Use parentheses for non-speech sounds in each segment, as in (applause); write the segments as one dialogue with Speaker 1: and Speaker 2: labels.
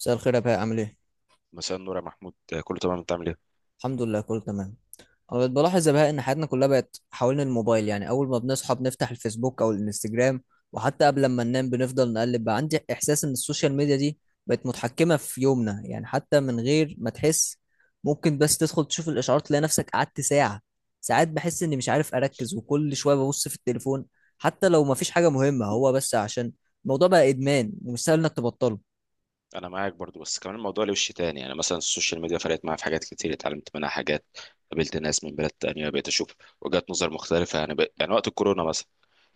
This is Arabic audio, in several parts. Speaker 1: مساء الخير يا بهاء، عامل ايه؟
Speaker 2: مساء النور يا محمود، كله تمام. انت عامل ايه؟
Speaker 1: الحمد لله كله تمام. انا بقيت بلاحظ يا بهاء ان حياتنا كلها بقت حوالين الموبايل. يعني اول ما بنصحى بنفتح الفيسبوك او الانستجرام، وحتى قبل ما ننام بنفضل نقلب. بقى عندي احساس ان السوشيال ميديا دي بقت متحكمة في يومنا، يعني حتى من غير ما تحس ممكن بس تدخل تشوف الاشعارات تلاقي نفسك قعدت ساعة. ساعات بحس اني مش عارف اركز، وكل شوية ببص في التليفون حتى لو ما فيش حاجة مهمة، هو بس عشان الموضوع بقى ادمان ومش سهل انك تبطله.
Speaker 2: انا معاك برضو، بس كمان الموضوع له وش تاني. يعني مثلا السوشيال ميديا فرقت معايا في حاجات كتير، اتعلمت منها حاجات. قابلت ناس من بلاد تانية، بقيت اشوف وجهات نظر مختلفة. يعني يعني وقت الكورونا مثلا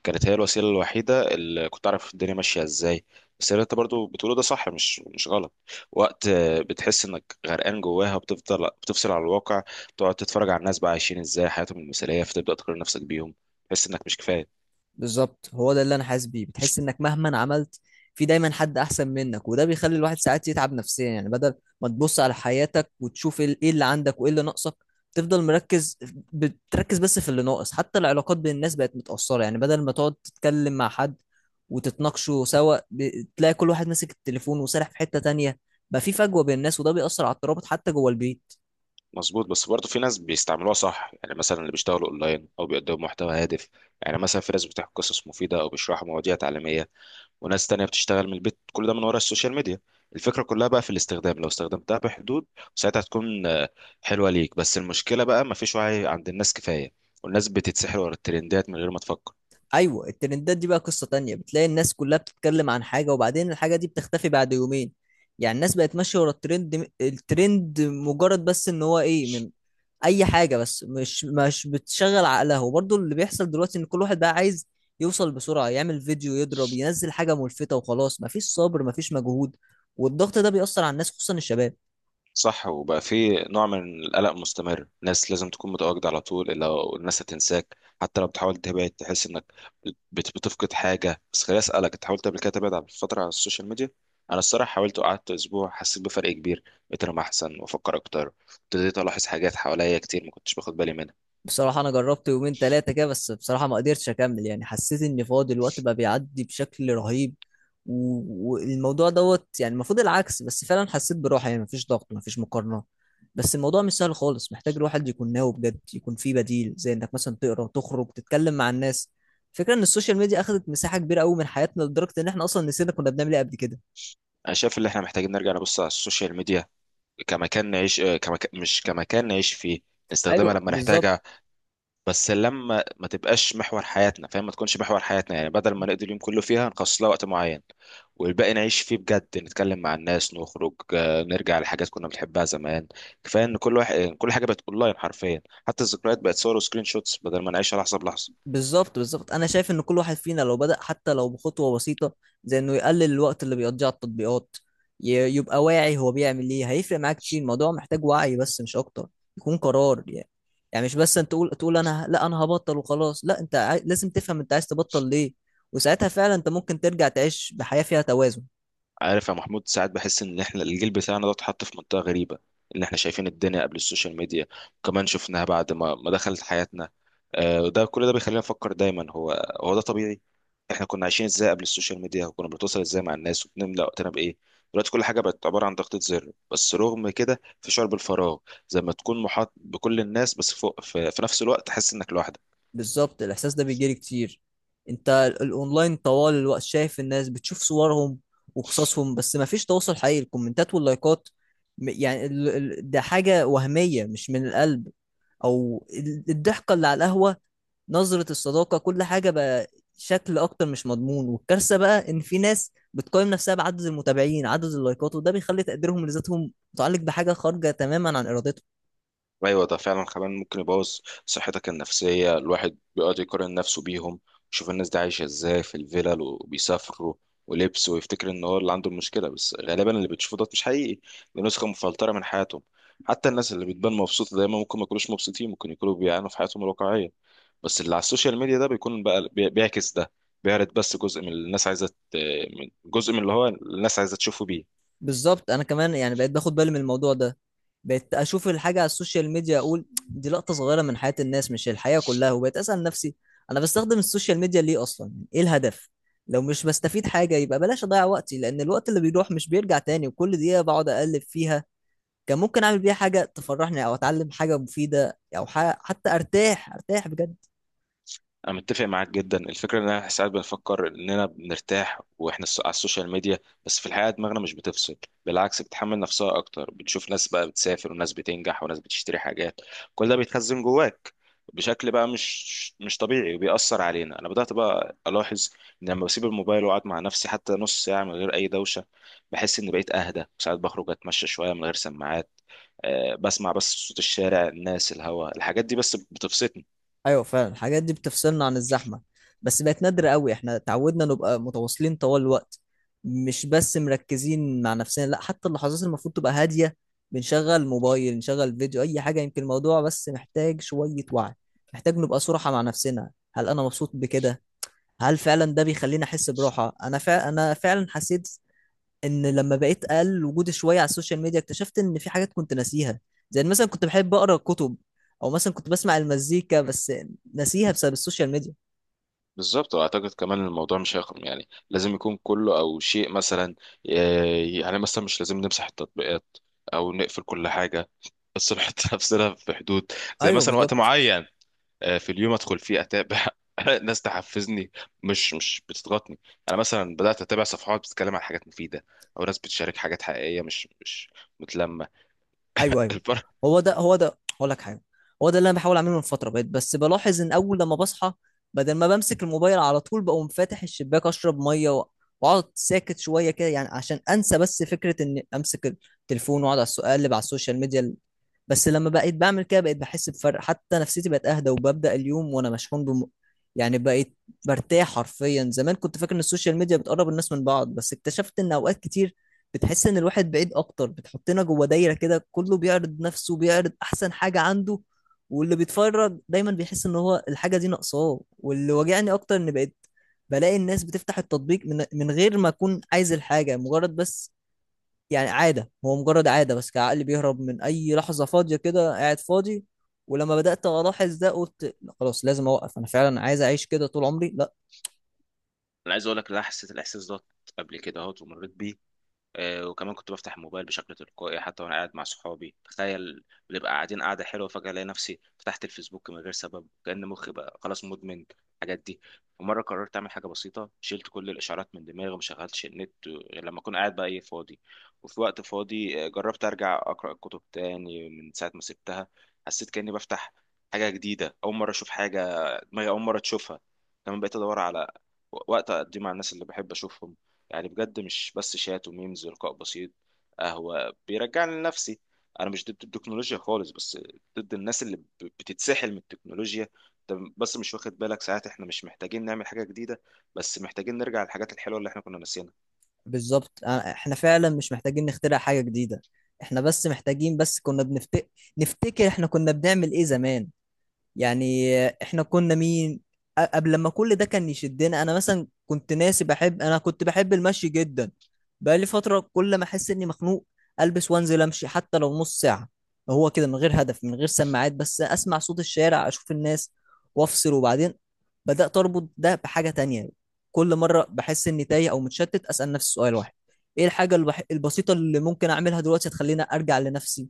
Speaker 2: كانت هي الوسيلة الوحيدة اللي كنت اعرف الدنيا ماشية ازاي. بس اللي انت برضو بتقوله ده صح، مش غلط. وقت بتحس انك غرقان جواها، بتفضل بتفصل عن الواقع. تقعد تتفرج على الناس بقى عايشين ازاي حياتهم المثالية، فتبدأ تقارن نفسك بيهم. تحس انك مش كفاية.
Speaker 1: بالظبط، هو ده اللي انا حاسس بيه. بتحس انك مهما عملت في دايما حد احسن منك، وده بيخلي الواحد ساعات يتعب نفسيا. يعني بدل ما تبص على حياتك وتشوف ايه اللي عندك وايه اللي ناقصك، تفضل مركز، بتركز بس في اللي ناقص. حتى العلاقات بين الناس بقت متأثرة، يعني بدل ما تقعد تتكلم مع حد وتتناقشوا سوا، تلاقي كل واحد ماسك التليفون وسارح في حتة تانية. بقى في فجوة بين الناس، وده بيأثر على الترابط حتى جوه البيت.
Speaker 2: مظبوط، بس برضه في ناس بيستعملوها صح. يعني مثلا اللي بيشتغلوا اونلاين او بيقدموا محتوى هادف، يعني مثلا في ناس بتحكي قصص مفيده او بيشرحوا مواضيع تعليميه، وناس تانية بتشتغل من البيت، كل ده من ورا السوشيال ميديا. الفكرة كلها بقى في الاستخدام، لو استخدمتها بحدود ساعتها تكون حلوة ليك. بس المشكلة بقى مفيش وعي عند الناس كفاية، والناس بتتسحر ورا الترندات من غير ما تفكر.
Speaker 1: ايوه، الترندات دي بقى قصة تانية. بتلاقي الناس كلها بتتكلم عن حاجة، وبعدين الحاجة دي بتختفي بعد يومين. يعني الناس بقت ماشية ورا الترند، الترند مجرد بس ان هو ايه من اي حاجة، بس مش بتشغل عقلها. وبرضه اللي بيحصل دلوقتي ان كل واحد بقى عايز يوصل بسرعة، يعمل فيديو يضرب، ينزل حاجة ملفتة وخلاص. مفيش صبر، مفيش مجهود، والضغط ده بيأثر على الناس خصوصا الشباب.
Speaker 2: صح، وبقى في نوع من القلق مستمر، ناس لازم تكون متواجدة على طول، إلا الناس هتنساك. حتى لو بتحاول تبعد تحس إنك بتفقد حاجة. بس خليني أسألك، أنت حاولت قبل كده تبعد على فترة على السوشيال ميديا؟ أنا الصراحة حاولت وقعدت أسبوع، حسيت بفرق كبير. بقيت أنام أحسن وأفكر أكتر، ابتديت ألاحظ حاجات حواليا كتير ما كنتش باخد بالي منها.
Speaker 1: بصراحة أنا جربت يومين تلاتة كده، بس بصراحة ما قدرتش أكمل. يعني حسيت إن فاضي، الوقت بقى بيعدي بشكل رهيب. والموضوع دوت، يعني المفروض العكس، بس فعلا حسيت براحة. يعني مفيش ضغط، مفيش مقارنة. بس الموضوع مش سهل خالص، محتاج الواحد يكون ناوي بجد، يكون فيه بديل زي إنك مثلا تقرأ، تخرج، تتكلم مع الناس. فكرة إن السوشيال ميديا أخدت مساحة كبيرة أوي من حياتنا لدرجة إن إحنا أصلا نسينا كنا بنعمل إيه قبل كده.
Speaker 2: أنا شايف إن إحنا محتاجين نرجع نبص على السوشيال ميديا كمكان نعيش، كمكان، مش كمكان نعيش فيه. نستخدمها
Speaker 1: أيوه
Speaker 2: لما نحتاج،
Speaker 1: بالظبط.
Speaker 2: بس لما ما تبقاش محور حياتنا، فاهم؟ ما تكونش محور حياتنا. يعني بدل ما نقضي اليوم كله فيها، نخصص لها وقت معين والباقي نعيش فيه بجد. نتكلم مع الناس، نخرج، نرجع لحاجات كنا بنحبها زمان. كفايه ان كل واحد كل حاجه بقت اونلاين حرفيا، حتى الذكريات بقت صور وسكرين شوتس بدل ما نعيشها لحظه بلحظه.
Speaker 1: بالظبط بالظبط، انا شايف ان كل واحد فينا لو بدأ حتى لو بخطوة بسيطة، زي انه يقلل الوقت اللي بيقضيه على التطبيقات، يبقى واعي هو بيعمل ايه، هيفرق معاك كتير. الموضوع محتاج وعي بس مش اكتر، يكون قرار يعني. يعني مش بس انت تقول انا لا انا هبطل وخلاص، لا انت لازم تفهم انت عايز تبطل ليه، وساعتها فعلا انت ممكن ترجع تعيش بحياة فيها توازن.
Speaker 2: عارف يا محمود، ساعات بحس ان احنا الجيل بتاعنا ده اتحط في منطقه غريبه، ان احنا شايفين الدنيا قبل السوشيال ميديا، وكمان شفناها بعد ما دخلت حياتنا. وده كل ده بيخلينا نفكر دايما، هو ده طبيعي؟ احنا كنا عايشين ازاي قبل السوشيال ميديا؟ وكنا بنتواصل ازاي مع الناس؟ وبنملى وقتنا بايه؟ دلوقتي كل حاجه بقت عباره عن ضغطه زر، بس رغم كده في شعور بالفراغ، زي ما تكون محاط بكل الناس، بس فوق في نفس الوقت تحس انك لوحدك.
Speaker 1: بالظبط، الاحساس ده بيجيلي كتير. انت الاونلاين طوال الوقت، شايف الناس، بتشوف صورهم وقصصهم، بس ما فيش تواصل حقيقي. الكومنتات واللايكات، يعني ده حاجة وهمية مش من القلب. او الضحكة اللي على القهوة، نظرة الصداقة، كل حاجة بقى شكل أكتر مش مضمون. والكارثة بقى إن في ناس بتقيم نفسها بعدد المتابعين، عدد اللايكات، وده بيخلي تقديرهم لذاتهم متعلق بحاجة خارجة تماما عن إرادتهم.
Speaker 2: ايوه، ده فعلا كمان ممكن يبوظ صحتك النفسيه. الواحد بيقعد يقارن نفسه بيهم، يشوف الناس دي عايشه ازاي في الفلل وبيسافروا ولبس، ويفتكر ان هو اللي عنده المشكله. بس غالبا اللي بتشوفه ده مش حقيقي، دي نسخه مفلتره من حياتهم. حتى الناس اللي بتبان مبسوطه دايما ممكن ما يكونوش مبسوطين، ممكن يكونوا بيعانوا في حياتهم الواقعيه، بس اللي على السوشيال ميديا ده بيكون بقى بيعكس ده. بيعرض بس جزء من اللي الناس عايزه جزء من اللي هو الناس عايزه تشوفه بيه.
Speaker 1: بالظبط، انا كمان يعني بقيت باخد بالي من الموضوع ده. بقيت اشوف الحاجه على السوشيال ميديا، اقول دي لقطه صغيره من حياه الناس مش الحياه كلها. وبقيت اسال نفسي انا بستخدم السوشيال ميديا ليه اصلا، ايه الهدف؟ لو مش بستفيد حاجه يبقى بلاش اضيع وقتي، لان الوقت اللي بيروح مش بيرجع تاني. وكل دقيقه بقعد اقلب فيها كان ممكن اعمل بيها حاجه تفرحني، او اتعلم حاجه مفيده، او حتى ارتاح، ارتاح بجد.
Speaker 2: انا متفق معاك جدا. الفكره ان احنا ساعات بنفكر اننا بنرتاح واحنا على السوشيال ميديا، بس في الحقيقه دماغنا مش بتفصل. بالعكس، بتحمل نفسها اكتر. بتشوف ناس بقى بتسافر وناس بتنجح وناس بتشتري حاجات، كل ده بيتخزن جواك بشكل بقى مش طبيعي وبيأثر علينا. انا بدأت بقى الاحظ ان لما بسيب الموبايل واقعد مع نفسي حتى نص ساعه من غير اي دوشه، بحس اني بقيت اهدى. ساعات بخرج اتمشى شويه من غير سماعات، بسمع بس صوت الشارع، الناس، الهواء، الحاجات دي بس بتفصلني.
Speaker 1: ايوه فعلا، الحاجات دي بتفصلنا عن الزحمه، بس بقت نادره قوي. احنا اتعودنا نبقى متواصلين طوال الوقت، مش بس مركزين مع نفسنا. لا حتى اللحظات اللي المفروض تبقى هاديه بنشغل موبايل، نشغل فيديو، اي حاجه. يمكن الموضوع بس محتاج شويه وعي، محتاج نبقى صراحه مع نفسنا. هل انا مبسوط بكده؟ هل فعلا ده بيخليني احس براحه؟ انا انا فعلا حسيت ان لما بقيت اقل وجودي شويه على السوشيال ميديا اكتشفت ان في حاجات كنت ناسيها. زي إن مثلا كنت بحب اقرا كتب، او مثلا كنت بسمع المزيكا، بس ناسيها بسبب السوشيال ميديا.
Speaker 2: بالظبط، واعتقد كمان الموضوع مش هيخرم، يعني لازم يكون كله او شيء مثلا. يعني مثلا مش لازم نمسح التطبيقات او نقفل كل حاجه، بس نحط (laughs) نفسنا في حدود. زي
Speaker 1: ايوه
Speaker 2: مثلا وقت
Speaker 1: بالظبط.
Speaker 2: معين في اليوم ادخل فيه اتابع (laughs) ناس تحفزني، مش بتضغطني. انا مثلا بدات اتابع صفحات بتتكلم عن حاجات مفيده، او ناس بتشارك حاجات حقيقيه مش متلمه.
Speaker 1: ايوه،
Speaker 2: (laughs)
Speaker 1: ايوه.
Speaker 2: الفرق.
Speaker 1: هو ده هقول لك حاجه، هو ده اللي انا بحاول اعمله من فتره. بقيت بس بلاحظ ان اول لما بصحى، بدل ما بمسك الموبايل على طول، بقوم فاتح الشباك، اشرب ميه، واقعد ساكت شويه كده، يعني عشان انسى بس فكره اني امسك التليفون واقعد على اقلب على السوشيال ميديا. بس لما بقيت بعمل كده بقيت بحس بفرق، حتى نفسيتي بقت اهدى، وببدا اليوم وانا مشحون يعني بقيت برتاح حرفيا. زمان كنت فاكر ان السوشيال ميديا بتقرب الناس من بعض، بس اكتشفت ان اوقات كتير بتحس ان الواحد بعيد اكتر. بتحطنا جوه دايره كده، كله بيعرض نفسه، بيعرض احسن حاجه عنده، واللي بيتفرج دايما بيحس ان هو الحاجه دي ناقصاه. واللي واجعني اكتر ان بقيت بلاقي الناس بتفتح التطبيق من غير ما اكون عايز الحاجه، مجرد بس، يعني عاده، هو مجرد عاده بس، كعقل بيهرب من اي لحظه فاضيه. كده قاعد فاضي، ولما بدات الاحظ ده قلت لا خلاص، لازم اوقف. انا فعلا عايز اعيش كده طول عمري؟ لا.
Speaker 2: انا عايز اقول لك إن انا حسيت الاحساس ده قبل كده، اهوت ومريت بيه. وكمان كنت بفتح الموبايل بشكل تلقائي حتى وانا قاعد مع صحابي، تخيل! بنبقى قاعدين قاعده حلوه، فجاه الاقي نفسي فتحت الفيسبوك من غير سبب، كأن مخي بقى خلاص مدمن الحاجات دي. ومره قررت اعمل حاجه بسيطه، شلت كل الاشعارات من دماغي وما شغلتش النت غير لما اكون قاعد بقى ايه، فاضي. وفي وقت فاضي جربت ارجع اقرا الكتب تاني من ساعه ما سبتها. حسيت كأني بفتح حاجه جديده، اول مره اشوف حاجه دماغي اول مره تشوفها. كمان بقيت ادور على وقت اقضيه مع الناس اللي بحب اشوفهم، يعني بجد مش بس شات وميمز، ولقاء بسيط، قهوة بيرجعني لنفسي. انا مش ضد التكنولوجيا خالص، بس ضد الناس اللي بتتسحل من التكنولوجيا. انت بس مش واخد بالك، ساعات احنا مش محتاجين نعمل حاجة جديدة، بس محتاجين نرجع للحاجات الحلوة اللي احنا كنا ناسيينها.
Speaker 1: بالظبط. احنا فعلا مش محتاجين نخترع حاجة جديدة، احنا بس محتاجين نفتكر احنا كنا بنعمل ايه زمان. يعني احنا كنا مين قبل لما كل ده كان يشدنا؟ انا مثلا كنت ناسي بحب، انا كنت بحب المشي جدا. بقى لي فتره كل ما احس اني مخنوق البس وانزل امشي حتى لو نص ساعه، هو كده من غير هدف، من غير سماعات، بس اسمع صوت الشارع، اشوف الناس، وافصل. وبعدين بدات اربط ده بحاجه تانية، كل مره بحس اني تايه او متشتت اسال نفسي سؤال واحد: ايه الحاجه البسيطه اللي ممكن اعملها دلوقتي تخليني ارجع لنفسي؟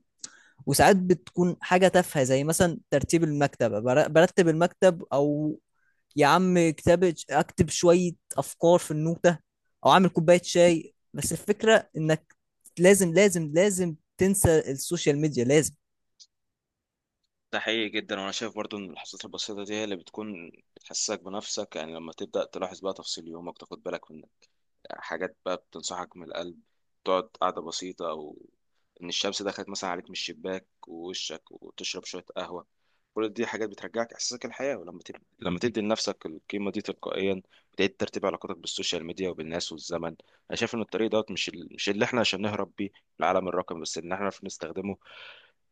Speaker 1: وساعات بتكون حاجة تافهة، زي مثلا ترتيب المكتبة، برتب المكتب، أو يا عم كتاب، أكتب شوية أفكار في النوتة، أو أعمل كوباية شاي. بس الفكرة إنك لازم تنسى السوشيال ميديا، لازم.
Speaker 2: ده حقيقي جدا. وانا شايف برضو ان اللحظات البسيطة دي هي اللي بتكون بتحسسك بنفسك. يعني لما تبدأ تلاحظ بقى تفاصيل يومك، تاخد بالك من حاجات بقى بتنصحك من القلب. تقعد قعدة بسيطة، أو إن الشمس دخلت مثلا عليك من الشباك ووشك، وتشرب شوية قهوة، كل دي حاجات بترجعك إحساسك الحياة. ولما لما تدي لنفسك القيمة دي تلقائيا بتعيد ترتيب علاقاتك بالسوشيال ميديا وبالناس والزمن. أنا شايف إن الطريق دوت مش اللي إحنا عشان نهرب بيه العالم الرقمي، بس إن إحنا نعرف نستخدمه.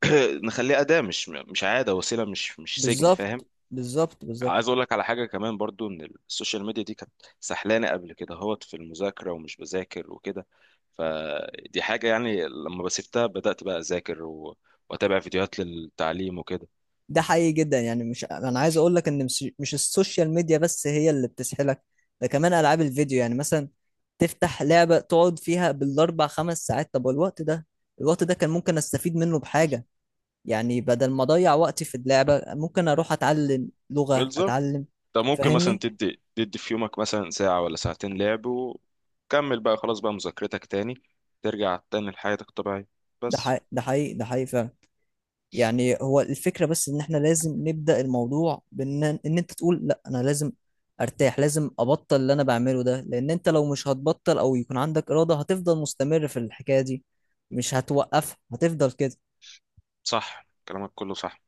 Speaker 2: (clears throat) نخليه أداة مش عادة، وسيلة مش سجن، فاهم؟
Speaker 1: بالظبط بالظبط بالظبط.
Speaker 2: عايز اقول لك على حاجه كمان برضو، ان السوشيال ميديا دي كانت سحلانه قبل كده، هوت في المذاكره ومش بذاكر وكده. فدي حاجه، يعني لما بسيبتها بدات بقى اذاكر واتابع فيديوهات للتعليم وكده.
Speaker 1: ده حقيقي جدا. يعني مش، انا عايز اقول لك ان مش السوشيال ميديا بس هي اللي بتسحلك، ده كمان العاب الفيديو. يعني مثلا تفتح لعبة تقعد فيها بالاربع خمس ساعات، طب الوقت ده كان ممكن استفيد منه بحاجة. يعني بدل ما اضيع وقتي في اللعبة ممكن اروح اتعلم لغة،
Speaker 2: بالظبط.
Speaker 1: اتعلم.
Speaker 2: ده ممكن مثلا
Speaker 1: فاهمني؟
Speaker 2: تدي في يومك مثلا ساعه ولا ساعتين لعب، وكمل بقى خلاص، بقى مذاكرتك تاني. ترجع تاني لحياتك الطبيعيه.
Speaker 1: ده
Speaker 2: بس.
Speaker 1: حقيقي ده حقيقي ده حقيقي فعلا. يعني هو الفكرة بس ان احنا لازم نبدأ الموضوع بان ان انت تقول لا انا لازم ارتاح، لازم ابطل اللي انا بعمله ده. لان انت لو مش هتبطل او يكون عندك إرادة هتفضل مستمر في الحكاية دي، مش هتوقفها، هتفضل كده.
Speaker 2: صح، كلامك كله صح.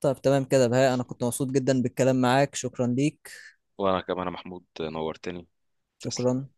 Speaker 1: طب تمام كده بهاء، انا كنت مبسوط جدا بالكلام معاك، شكرا ليك.
Speaker 2: وانا كمان يا محمود، نورتني. تسلم.
Speaker 1: شكرا.